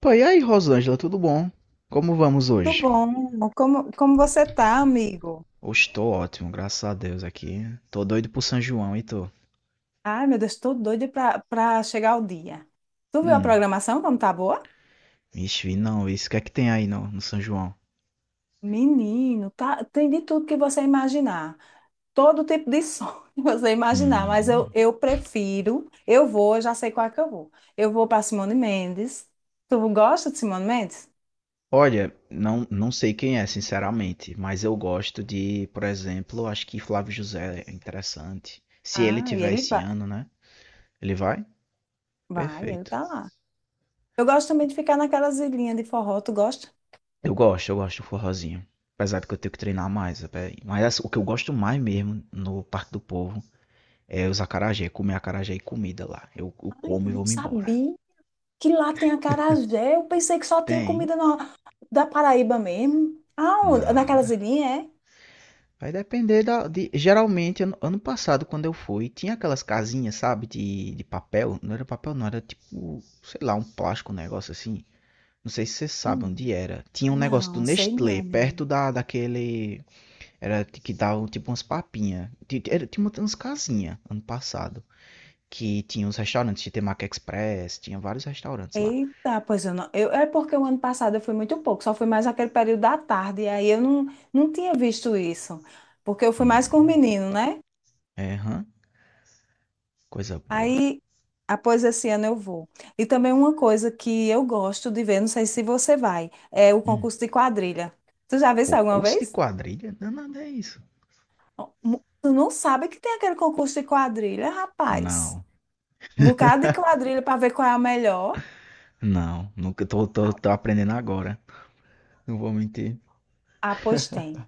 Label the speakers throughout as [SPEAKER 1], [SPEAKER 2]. [SPEAKER 1] Pô, e aí, Rosângela, tudo bom? Como vamos
[SPEAKER 2] Tudo
[SPEAKER 1] hoje?
[SPEAKER 2] bom? Como você tá, amigo?
[SPEAKER 1] Hoje tô ótimo, graças a Deus aqui. Tô doido pro São João e tô.
[SPEAKER 2] Ai, meu Deus, tô doida pra chegar o dia. Tu viu a
[SPEAKER 1] Hum,
[SPEAKER 2] programação como tá boa?
[SPEAKER 1] vixe, vi não, isso o que é que tem aí no São João?
[SPEAKER 2] Menino, tá, tem de tudo que você imaginar. Todo tipo de som que você imaginar, mas eu,
[SPEAKER 1] Hum.
[SPEAKER 2] eu prefiro, eu vou, eu já sei qual é que eu vou. Eu vou pra Simone Mendes. Tu gosta de Simone Mendes?
[SPEAKER 1] Olha, não sei quem é, sinceramente, mas eu gosto de, por exemplo, acho que Flávio José é interessante. Se ele
[SPEAKER 2] Ah, e
[SPEAKER 1] tiver
[SPEAKER 2] ele
[SPEAKER 1] esse
[SPEAKER 2] vai.
[SPEAKER 1] ano, né? Ele vai?
[SPEAKER 2] Vai, ele
[SPEAKER 1] Perfeito.
[SPEAKER 2] tá lá. Eu gosto também de ficar naquelas ilhinhas de forró, tu gosta?
[SPEAKER 1] Eu gosto do forrozinho. Apesar de que eu tenho que treinar mais, mas assim, o que eu gosto mais mesmo no Parque do Povo é os acarajé, comer acarajé e comida lá. Eu
[SPEAKER 2] Ai,
[SPEAKER 1] como
[SPEAKER 2] eu
[SPEAKER 1] e
[SPEAKER 2] não
[SPEAKER 1] vou-me embora.
[SPEAKER 2] sabia que lá tem acarajé. Eu pensei que só tinha
[SPEAKER 1] Tem?
[SPEAKER 2] comida normal. Da Paraíba mesmo? Ah,
[SPEAKER 1] Nada.
[SPEAKER 2] naquelas ilhinhas, é?
[SPEAKER 1] Vai depender geralmente, ano passado, quando eu fui, tinha aquelas casinhas, sabe, de papel. Não era papel, não, era tipo, sei lá, um plástico, um negócio assim. Não sei se vocês sabem
[SPEAKER 2] Sim.
[SPEAKER 1] onde era. Tinha um negócio do
[SPEAKER 2] Não, sei
[SPEAKER 1] Nestlé,
[SPEAKER 2] não, menina.
[SPEAKER 1] perto daquele. Era que dava tipo umas papinhas. Tinha umas casinhas ano passado. Que tinha uns restaurantes, tinha Temaki Express, tinha vários restaurantes lá.
[SPEAKER 2] Eita, pois eu não. Eu, é porque o ano passado eu fui muito pouco, só fui mais aquele período da tarde, e aí eu não, não tinha visto isso, porque eu fui mais com o
[SPEAKER 1] Hum.
[SPEAKER 2] menino, né?
[SPEAKER 1] É, hã? Coisa boa.
[SPEAKER 2] Aí, após esse ano eu vou. E também uma coisa que eu gosto de ver, não sei se você vai, é o
[SPEAKER 1] Hum,
[SPEAKER 2] concurso de quadrilha. Tu já viu isso alguma
[SPEAKER 1] concurso de
[SPEAKER 2] vez?
[SPEAKER 1] quadrilha? Não, nada é isso.
[SPEAKER 2] Tu não sabe que tem aquele concurso de quadrilha, rapaz.
[SPEAKER 1] Não,
[SPEAKER 2] Um bocado de quadrilha para ver qual é a melhor.
[SPEAKER 1] não. Nunca
[SPEAKER 2] Ah,
[SPEAKER 1] tô aprendendo agora. Não vou mentir.
[SPEAKER 2] ah, pois tem.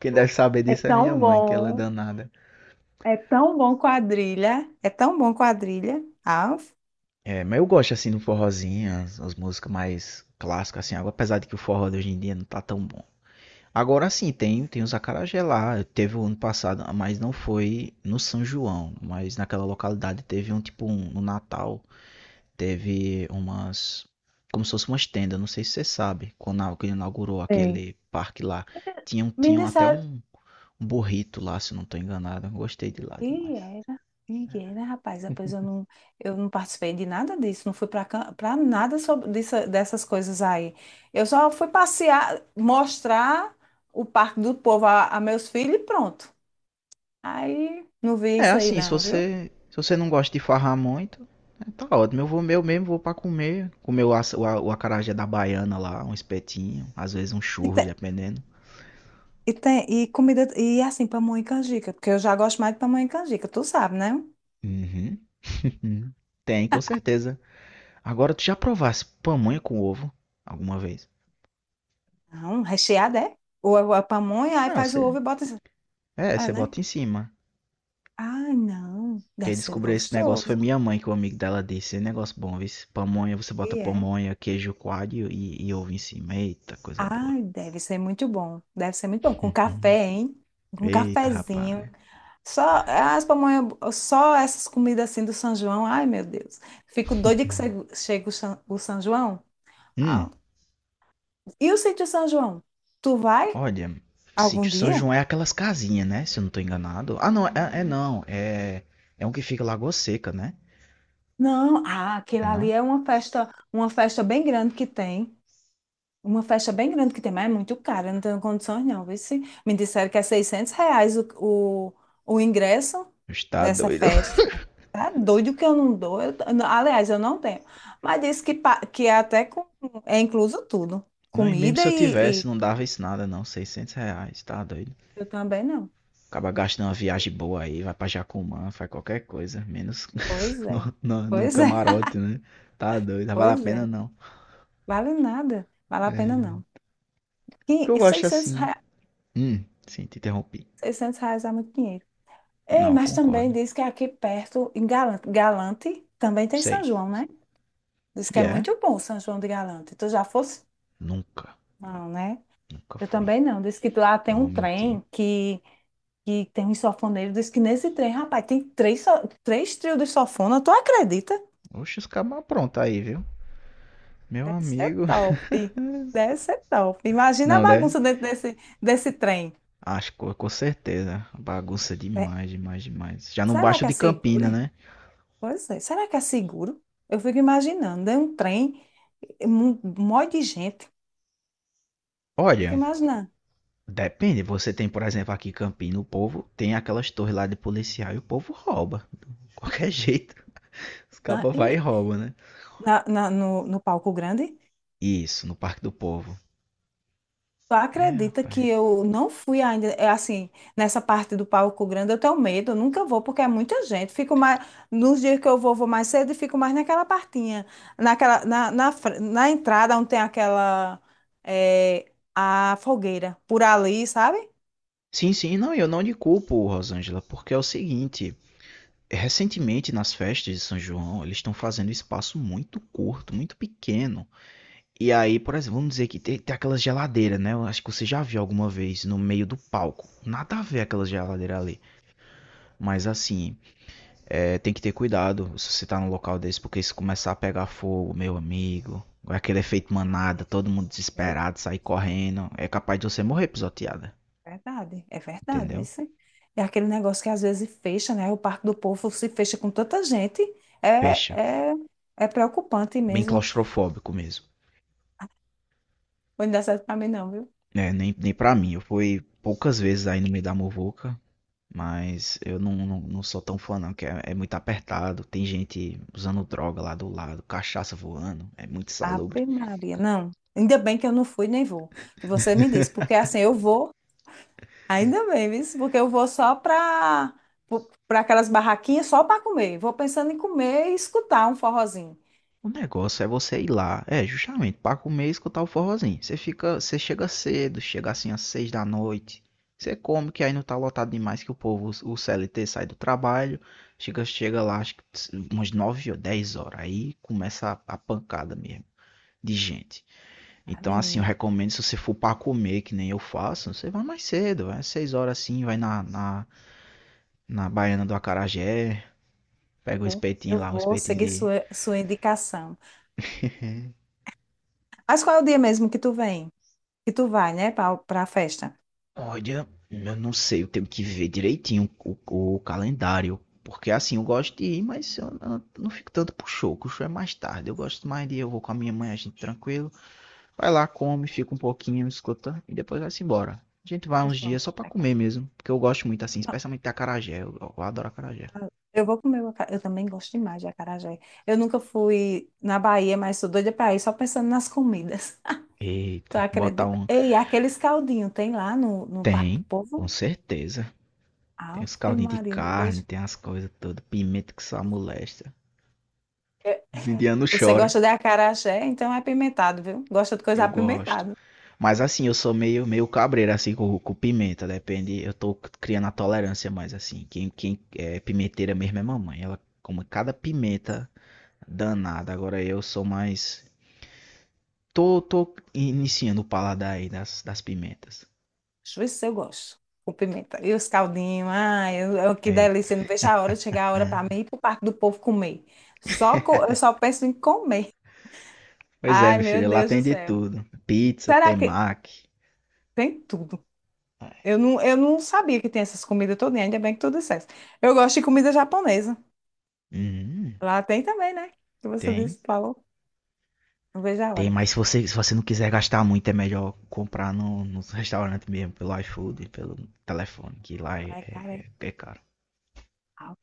[SPEAKER 1] Quem deve saber
[SPEAKER 2] É
[SPEAKER 1] disso é minha
[SPEAKER 2] tão
[SPEAKER 1] mãe, que ela é
[SPEAKER 2] bom.
[SPEAKER 1] danada.
[SPEAKER 2] É tão bom quadrilha. É tão bom quadrilha. Ah.
[SPEAKER 1] É, mas eu gosto assim do forrozinho, as músicas mais clássicas, assim, apesar de que o forró de hoje em dia não tá tão bom. Agora sim, tem os acarajé lá. Teve o ano passado, mas não foi no São João, mas naquela localidade teve um tipo um, no Natal. Teve umas. Como se fosse umas tendas, não sei se você sabe. Quando inaugurou
[SPEAKER 2] Sei.
[SPEAKER 1] aquele parque lá,
[SPEAKER 2] Me
[SPEAKER 1] tinham até
[SPEAKER 2] disseram.
[SPEAKER 1] um burrito lá, se eu não tô enganado. Eu gostei de lá
[SPEAKER 2] E
[SPEAKER 1] demais.
[SPEAKER 2] era. E era, rapaz. Depois eu não participei de nada disso. Não fui para nada dessas coisas aí. Eu só fui passear, mostrar o Parque do Povo a meus filhos e pronto. Aí não vi
[SPEAKER 1] É
[SPEAKER 2] isso aí,
[SPEAKER 1] assim,
[SPEAKER 2] não, viu?
[SPEAKER 1] Se você não gosta de farrar muito, é, tá ótimo. Eu vou meu mesmo, vou pra comer. Comer o, aça- o, a- o acarajé da baiana lá, um espetinho, às vezes um churro, dependendo.
[SPEAKER 2] E tem e comida e é assim pamonha e canjica, porque eu já gosto mais de pamonha e canjica, tu sabe, né?
[SPEAKER 1] Uhum. Tem, com certeza. Agora tu já provasse pamonha com ovo alguma vez?
[SPEAKER 2] Não, recheada é? Ou a pamonha, aí
[SPEAKER 1] Não,
[SPEAKER 2] faz o
[SPEAKER 1] você.
[SPEAKER 2] ovo e bota assim.
[SPEAKER 1] É,
[SPEAKER 2] É,
[SPEAKER 1] você
[SPEAKER 2] né?
[SPEAKER 1] bota em cima.
[SPEAKER 2] Ai, não, deve
[SPEAKER 1] Quem
[SPEAKER 2] ser
[SPEAKER 1] descobriu esse negócio
[SPEAKER 2] gostoso.
[SPEAKER 1] foi minha mãe, que o amigo dela disse. É negócio bom, viu? Pamonha, você bota
[SPEAKER 2] E é.
[SPEAKER 1] pamonha, queijo coalho e ovo em cima. Eita, coisa boa.
[SPEAKER 2] Ai, deve ser muito bom. Deve ser muito bom com
[SPEAKER 1] Uhum.
[SPEAKER 2] café, hein? Com
[SPEAKER 1] Eita,
[SPEAKER 2] cafezinho.
[SPEAKER 1] rapaz.
[SPEAKER 2] Só as pamonha, só essas comidas assim do São João. Ai, meu Deus. Fico doida que chega o São João. Ah.
[SPEAKER 1] Hum,
[SPEAKER 2] E o sítio São João? Tu vai
[SPEAKER 1] olha,
[SPEAKER 2] algum
[SPEAKER 1] sítio São
[SPEAKER 2] dia?
[SPEAKER 1] João é aquelas casinhas, né? Se eu não tô enganado. É não. É, é um que fica em Lagoa Seca, né?
[SPEAKER 2] Não, ah, aquilo
[SPEAKER 1] É
[SPEAKER 2] ali
[SPEAKER 1] não?
[SPEAKER 2] é uma festa bem grande que tem. Uma festa bem grande que tem, mas é muito cara, não tenho condições não. Vê se me disseram que é 600 reais o ingresso
[SPEAKER 1] Está
[SPEAKER 2] dessa
[SPEAKER 1] doido.
[SPEAKER 2] festa. Tá doido que eu não dou. Eu não- Aliás, eu não tenho. Mas disse que é até com, é incluso tudo.
[SPEAKER 1] Não, e mesmo se
[SPEAKER 2] Comida
[SPEAKER 1] eu
[SPEAKER 2] e
[SPEAKER 1] tivesse, não dava isso nada, não. 600 reais, tá doido.
[SPEAKER 2] eu também não.
[SPEAKER 1] Acaba gastando uma viagem boa aí, vai pra Jacumã, faz qualquer coisa, menos
[SPEAKER 2] Pois é,
[SPEAKER 1] no
[SPEAKER 2] pois é,
[SPEAKER 1] camarote, né? Tá doido, não vale a
[SPEAKER 2] pois é.
[SPEAKER 1] pena não.
[SPEAKER 2] Vale nada, vale a pena
[SPEAKER 1] É.
[SPEAKER 2] não.
[SPEAKER 1] O que eu
[SPEAKER 2] E
[SPEAKER 1] gosto
[SPEAKER 2] 600
[SPEAKER 1] assim.
[SPEAKER 2] reais,
[SPEAKER 1] Sim, te interrompi.
[SPEAKER 2] 600 reais é muito dinheiro. Ei,
[SPEAKER 1] Não, eu
[SPEAKER 2] mas também
[SPEAKER 1] concordo.
[SPEAKER 2] diz que aqui perto, em Galante, também tem São
[SPEAKER 1] Sei.
[SPEAKER 2] João, né? Diz
[SPEAKER 1] E
[SPEAKER 2] que é
[SPEAKER 1] yeah. é?
[SPEAKER 2] muito bom São João de Galante. Tu já fosse?
[SPEAKER 1] Nunca,
[SPEAKER 2] Não, né?
[SPEAKER 1] nunca
[SPEAKER 2] Eu
[SPEAKER 1] fui.
[SPEAKER 2] também não. Diz que lá tem
[SPEAKER 1] Não vou
[SPEAKER 2] um
[SPEAKER 1] mentir.
[SPEAKER 2] trem que tem um sofoneiro. Diz que nesse trem, rapaz, tem três trios de sofona. Tu acredita?
[SPEAKER 1] Oxe, os cabas pronto aí, viu? Meu
[SPEAKER 2] Deve ser
[SPEAKER 1] amigo.
[SPEAKER 2] top. Deve ser top. Imagina a
[SPEAKER 1] Não, né?
[SPEAKER 2] bagunça desse trem.
[SPEAKER 1] Acho que com certeza. Bagunça
[SPEAKER 2] É,
[SPEAKER 1] demais, demais, demais. Já não
[SPEAKER 2] será
[SPEAKER 1] baixa
[SPEAKER 2] que é
[SPEAKER 1] de
[SPEAKER 2] seguro,
[SPEAKER 1] Campina,
[SPEAKER 2] hein?
[SPEAKER 1] né?
[SPEAKER 2] Pois é. Será que é seguro? Eu fico imaginando. É um trem, um monte de gente. Fico
[SPEAKER 1] Olha,
[SPEAKER 2] imaginando.
[SPEAKER 1] depende, você tem, por exemplo, aqui em Campina, o povo tem aquelas torres lá de policial e o povo rouba. De qualquer jeito, os
[SPEAKER 2] Né?
[SPEAKER 1] cabas vai e
[SPEAKER 2] E
[SPEAKER 1] rouba, né?
[SPEAKER 2] no palco grande,
[SPEAKER 1] Isso, no Parque do Povo.
[SPEAKER 2] tu
[SPEAKER 1] É,
[SPEAKER 2] acredita que
[SPEAKER 1] rapaz.
[SPEAKER 2] eu não fui ainda, é assim, nessa parte do palco grande, eu tenho medo, eu nunca vou, porque é muita gente. Fico mais, nos dias que eu vou, vou mais cedo e fico mais naquela partinha, naquela, na, na, fr- na entrada onde tem aquela, é, a fogueira, por ali, sabe?
[SPEAKER 1] Sim, não, eu não lhe culpo, Rosângela, porque é o seguinte, recentemente nas festas de São João, eles estão fazendo espaço muito curto, muito pequeno. E aí, por exemplo, vamos dizer que tem aquelas geladeiras, né? Eu acho que você já viu alguma vez no meio do palco. Nada a ver aquela geladeira ali. Mas assim, é, tem que ter cuidado se você tá num local desse, porque se começar a pegar fogo, meu amigo, vai aquele efeito manada, todo mundo
[SPEAKER 2] Meu
[SPEAKER 1] desesperado,
[SPEAKER 2] Deus.
[SPEAKER 1] sair correndo, é capaz de você morrer pisoteada,
[SPEAKER 2] Verdade, é verdade,
[SPEAKER 1] entendeu?
[SPEAKER 2] isso. É aquele negócio que às vezes fecha, né? O Parque do Povo se fecha com tanta gente,
[SPEAKER 1] Fecha.
[SPEAKER 2] é, é, é preocupante
[SPEAKER 1] Bem
[SPEAKER 2] mesmo.
[SPEAKER 1] claustrofóbico mesmo.
[SPEAKER 2] Não dá certo pra mim, não, viu?
[SPEAKER 1] É, nem pra mim, eu fui poucas vezes aí no meio da muvuca, mas eu não sou tão fã não, que é, é muito apertado, tem gente usando droga lá do lado, cachaça voando, é muito insalubre.
[SPEAKER 2] Ave Maria, não. Ainda bem que eu não fui nem vou, que você me disse, porque assim eu vou, ainda bem, viu? Porque eu vou só para aquelas barraquinhas só para comer. Vou pensando em comer e escutar um forrozinho.
[SPEAKER 1] O negócio é você ir lá, é, justamente, para comer e escutar o forrozinho. Você fica, você chega cedo, chega assim às seis da noite. Você come, que aí não tá lotado demais que o povo, o CLT sai do trabalho, chega lá, acho que umas nove ou dez horas. Aí começa a pancada mesmo de gente.
[SPEAKER 2] Ah,
[SPEAKER 1] Então, assim, eu
[SPEAKER 2] menino,
[SPEAKER 1] recomendo se você for para comer, que nem eu faço, você vai mais cedo, vai às seis horas assim, na Baiana do Acarajé,
[SPEAKER 2] eu
[SPEAKER 1] pega o
[SPEAKER 2] vou, eu
[SPEAKER 1] espetinho lá, o
[SPEAKER 2] vou
[SPEAKER 1] espetinho
[SPEAKER 2] seguir
[SPEAKER 1] de,
[SPEAKER 2] sua indicação. Mas qual é o dia mesmo que tu vem? E tu vai, né, pra festa?
[SPEAKER 1] olha, eu não sei, eu tenho que ver direitinho o calendário. Porque assim, eu gosto de ir, mas eu não fico tanto pro show, que o show é mais tarde. Eu gosto mais de ir, eu vou com a minha mãe, a gente tranquilo. Vai lá, come, fica um pouquinho, escuta, e depois vai-se embora. A gente vai
[SPEAKER 2] Eles
[SPEAKER 1] uns
[SPEAKER 2] vão
[SPEAKER 1] dias só pra
[SPEAKER 2] pra
[SPEAKER 1] comer
[SPEAKER 2] casa.
[SPEAKER 1] mesmo, porque eu gosto muito assim,
[SPEAKER 2] Não,
[SPEAKER 1] especialmente de acarajé. Eu adoro acarajé.
[SPEAKER 2] eu vou comer o acarajé. Eu também gosto demais de acarajé. Eu nunca fui na Bahia, mas sou doida pra ir só pensando nas comidas. Tu
[SPEAKER 1] Eita, botar
[SPEAKER 2] acredita?
[SPEAKER 1] um.
[SPEAKER 2] Ei, aqueles caldinhos tem lá no Parque do
[SPEAKER 1] Tem,
[SPEAKER 2] Povo?
[SPEAKER 1] com certeza. Tem os
[SPEAKER 2] Ave
[SPEAKER 1] caldinhos de
[SPEAKER 2] Maria, não vejo.
[SPEAKER 1] carne, tem as coisas todas, pimenta que só molesta.
[SPEAKER 2] É,
[SPEAKER 1] Os indianos
[SPEAKER 2] você
[SPEAKER 1] choram.
[SPEAKER 2] gosta de acarajé? Então é apimentado, viu? Gosta de coisa
[SPEAKER 1] Eu gosto.
[SPEAKER 2] apimentada.
[SPEAKER 1] Mas assim, eu sou meio cabreiro assim com pimenta, depende. Eu tô criando a tolerância mais assim. Quem é pimenteira mesmo é mamãe. Ela come cada pimenta danada. Agora eu sou mais. Tô iniciando o paladar aí das pimentas.
[SPEAKER 2] Deixa eu ver se eu gosto. Com pimenta. E os caldinhos, ai, que
[SPEAKER 1] Eita.
[SPEAKER 2] delícia. Não vejo a hora de chegar a hora para mim ir pro Parque do Povo comer. Eu só penso em comer.
[SPEAKER 1] Pois é,
[SPEAKER 2] Ai,
[SPEAKER 1] meu
[SPEAKER 2] meu
[SPEAKER 1] filho, lá
[SPEAKER 2] Deus do
[SPEAKER 1] tem de
[SPEAKER 2] céu.
[SPEAKER 1] tudo. Pizza,
[SPEAKER 2] Será
[SPEAKER 1] tem
[SPEAKER 2] que
[SPEAKER 1] mac.
[SPEAKER 2] tem tudo? Eu não sabia que tem essas comidas todas, ainda bem que tu disseste. Eu gosto de comida japonesa.
[SPEAKER 1] Hum,
[SPEAKER 2] Lá tem também, né? Que você
[SPEAKER 1] tem.
[SPEAKER 2] disse, falou. Não vejo a
[SPEAKER 1] Tem,
[SPEAKER 2] hora.
[SPEAKER 1] mas se você não quiser gastar muito, é melhor comprar no restaurante mesmo, pelo iFood, pelo telefone, que lá
[SPEAKER 2] Ai, cara, é
[SPEAKER 1] é caro.
[SPEAKER 2] alto.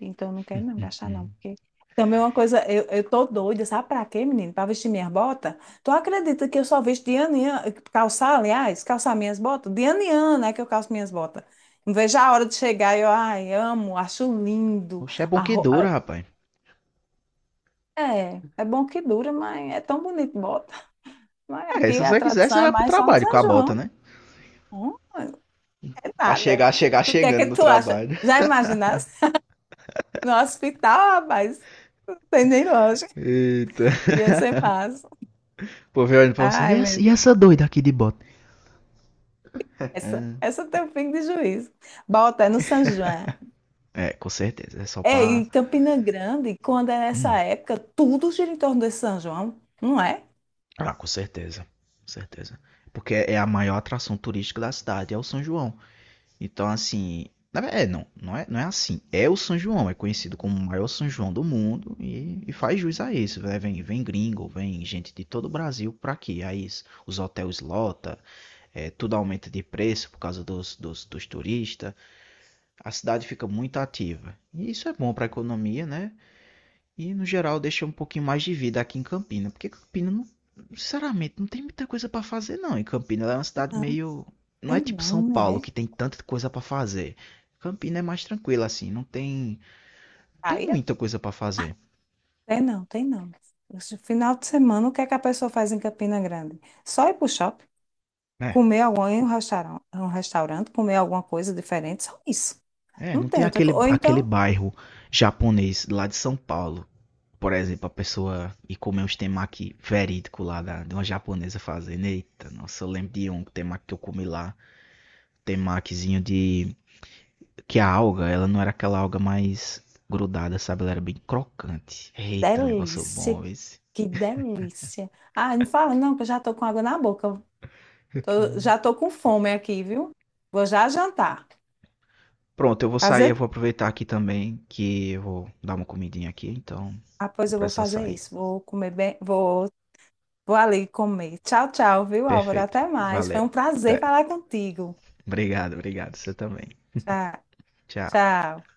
[SPEAKER 2] Então eu não quero não gastar, não.
[SPEAKER 1] Hum.
[SPEAKER 2] Porque também é uma coisa, eu tô doida, sabe pra quê, menino? Pra vestir minhas botas? Tu acredita que eu só visto de ano em ano, calçar, aliás, calçar minhas botas? De ano em ano é que eu calço minhas botas. Não vejo a hora de chegar eu, ai, amo, acho lindo.
[SPEAKER 1] Poxa, é bom que dura, rapaz.
[SPEAKER 2] É, é bom que dura, mas é tão bonito, bota. Mas
[SPEAKER 1] É,
[SPEAKER 2] aqui
[SPEAKER 1] se
[SPEAKER 2] a
[SPEAKER 1] você quiser,
[SPEAKER 2] tradição
[SPEAKER 1] você
[SPEAKER 2] é
[SPEAKER 1] vai pro
[SPEAKER 2] mais só no
[SPEAKER 1] trabalho com
[SPEAKER 2] São
[SPEAKER 1] a bota,
[SPEAKER 2] João.
[SPEAKER 1] né?
[SPEAKER 2] Hum, é
[SPEAKER 1] Pra
[SPEAKER 2] nada.
[SPEAKER 1] chegar, chegar
[SPEAKER 2] Tu o que é que
[SPEAKER 1] chegando no
[SPEAKER 2] tu acha?
[SPEAKER 1] trabalho.
[SPEAKER 2] Já imaginaste? No hospital, rapaz, não tem nem lógica.
[SPEAKER 1] Eita.
[SPEAKER 2] Ia ser massa.
[SPEAKER 1] Pô, vem olhando pra você.
[SPEAKER 2] Ai, meu
[SPEAKER 1] E
[SPEAKER 2] Deus.
[SPEAKER 1] essa doida aqui de bota?
[SPEAKER 2] Essa,
[SPEAKER 1] Ah,
[SPEAKER 2] essa tem um pingo de juízo. Bota, é no São João.
[SPEAKER 1] é, com certeza. É só
[SPEAKER 2] É,
[SPEAKER 1] pra.
[SPEAKER 2] e Campina Grande, quando é nessa
[SPEAKER 1] Hum.
[SPEAKER 2] época, tudo gira em torno desse São João, não é?
[SPEAKER 1] Ah, com certeza. Com certeza. Porque é a maior atração turística da cidade, é o São João. Então, assim. Na ver- É, não, não é, não é assim. É o São João, é conhecido como o maior São João do mundo e faz jus a isso, né? Vem gringo, vem gente de todo o Brasil pra aqui. Os hotéis lota, é, tudo aumenta de preço por causa dos turistas. A cidade fica muito ativa. E isso é bom pra economia, né? E, no geral, deixa um pouquinho mais de vida aqui em Campina. Porque Campina, não, sinceramente, não tem muita coisa pra fazer, não. E Campina ela é uma cidade
[SPEAKER 2] Não,
[SPEAKER 1] meio. Não é
[SPEAKER 2] tem
[SPEAKER 1] tipo
[SPEAKER 2] não,
[SPEAKER 1] São
[SPEAKER 2] não é?
[SPEAKER 1] Paulo, que tem tanta coisa pra fazer. Campina é mais tranquila, assim. Não tem. Não
[SPEAKER 2] Aí
[SPEAKER 1] tem
[SPEAKER 2] é
[SPEAKER 1] muita coisa pra fazer.
[SPEAKER 2] Tem não, tem não. Esse final de semana, o que é que a pessoa faz em Campina Grande? Só ir pro shopping,
[SPEAKER 1] Né,
[SPEAKER 2] comer algum, em um um restaurante, comer alguma coisa diferente, só isso.
[SPEAKER 1] é,
[SPEAKER 2] Não
[SPEAKER 1] não tem
[SPEAKER 2] tem outra coisa.
[SPEAKER 1] aquele,
[SPEAKER 2] Ou
[SPEAKER 1] aquele
[SPEAKER 2] então,
[SPEAKER 1] bairro japonês lá de São Paulo. Por exemplo, a pessoa ir comer uns temaki verídico de uma japonesa fazendo. Eita, nossa, eu lembro de um temaki que eu comi lá. Temakizinho de que a alga, ela não era aquela alga mais grudada, sabe? Ela era bem crocante. Eita, negócio
[SPEAKER 2] delícia,
[SPEAKER 1] bom esse.
[SPEAKER 2] que delícia. Ah, não fala não, que eu já tô com água na boca. Já tô com fome aqui, viu? Vou já jantar.
[SPEAKER 1] Pronto, eu vou sair, eu
[SPEAKER 2] Fazer?
[SPEAKER 1] vou aproveitar aqui também, que eu vou dar uma comidinha aqui, então
[SPEAKER 2] Ah, pois
[SPEAKER 1] vou
[SPEAKER 2] eu vou
[SPEAKER 1] precisar
[SPEAKER 2] fazer
[SPEAKER 1] sair.
[SPEAKER 2] isso. Vou ali comer. Tchau, tchau, viu, Álvaro?
[SPEAKER 1] Perfeito.
[SPEAKER 2] Até mais. Foi um
[SPEAKER 1] Valeu.
[SPEAKER 2] prazer
[SPEAKER 1] Até.
[SPEAKER 2] falar contigo.
[SPEAKER 1] Obrigado, obrigado. Você também.
[SPEAKER 2] Tchau,
[SPEAKER 1] Tchau.
[SPEAKER 2] tchau.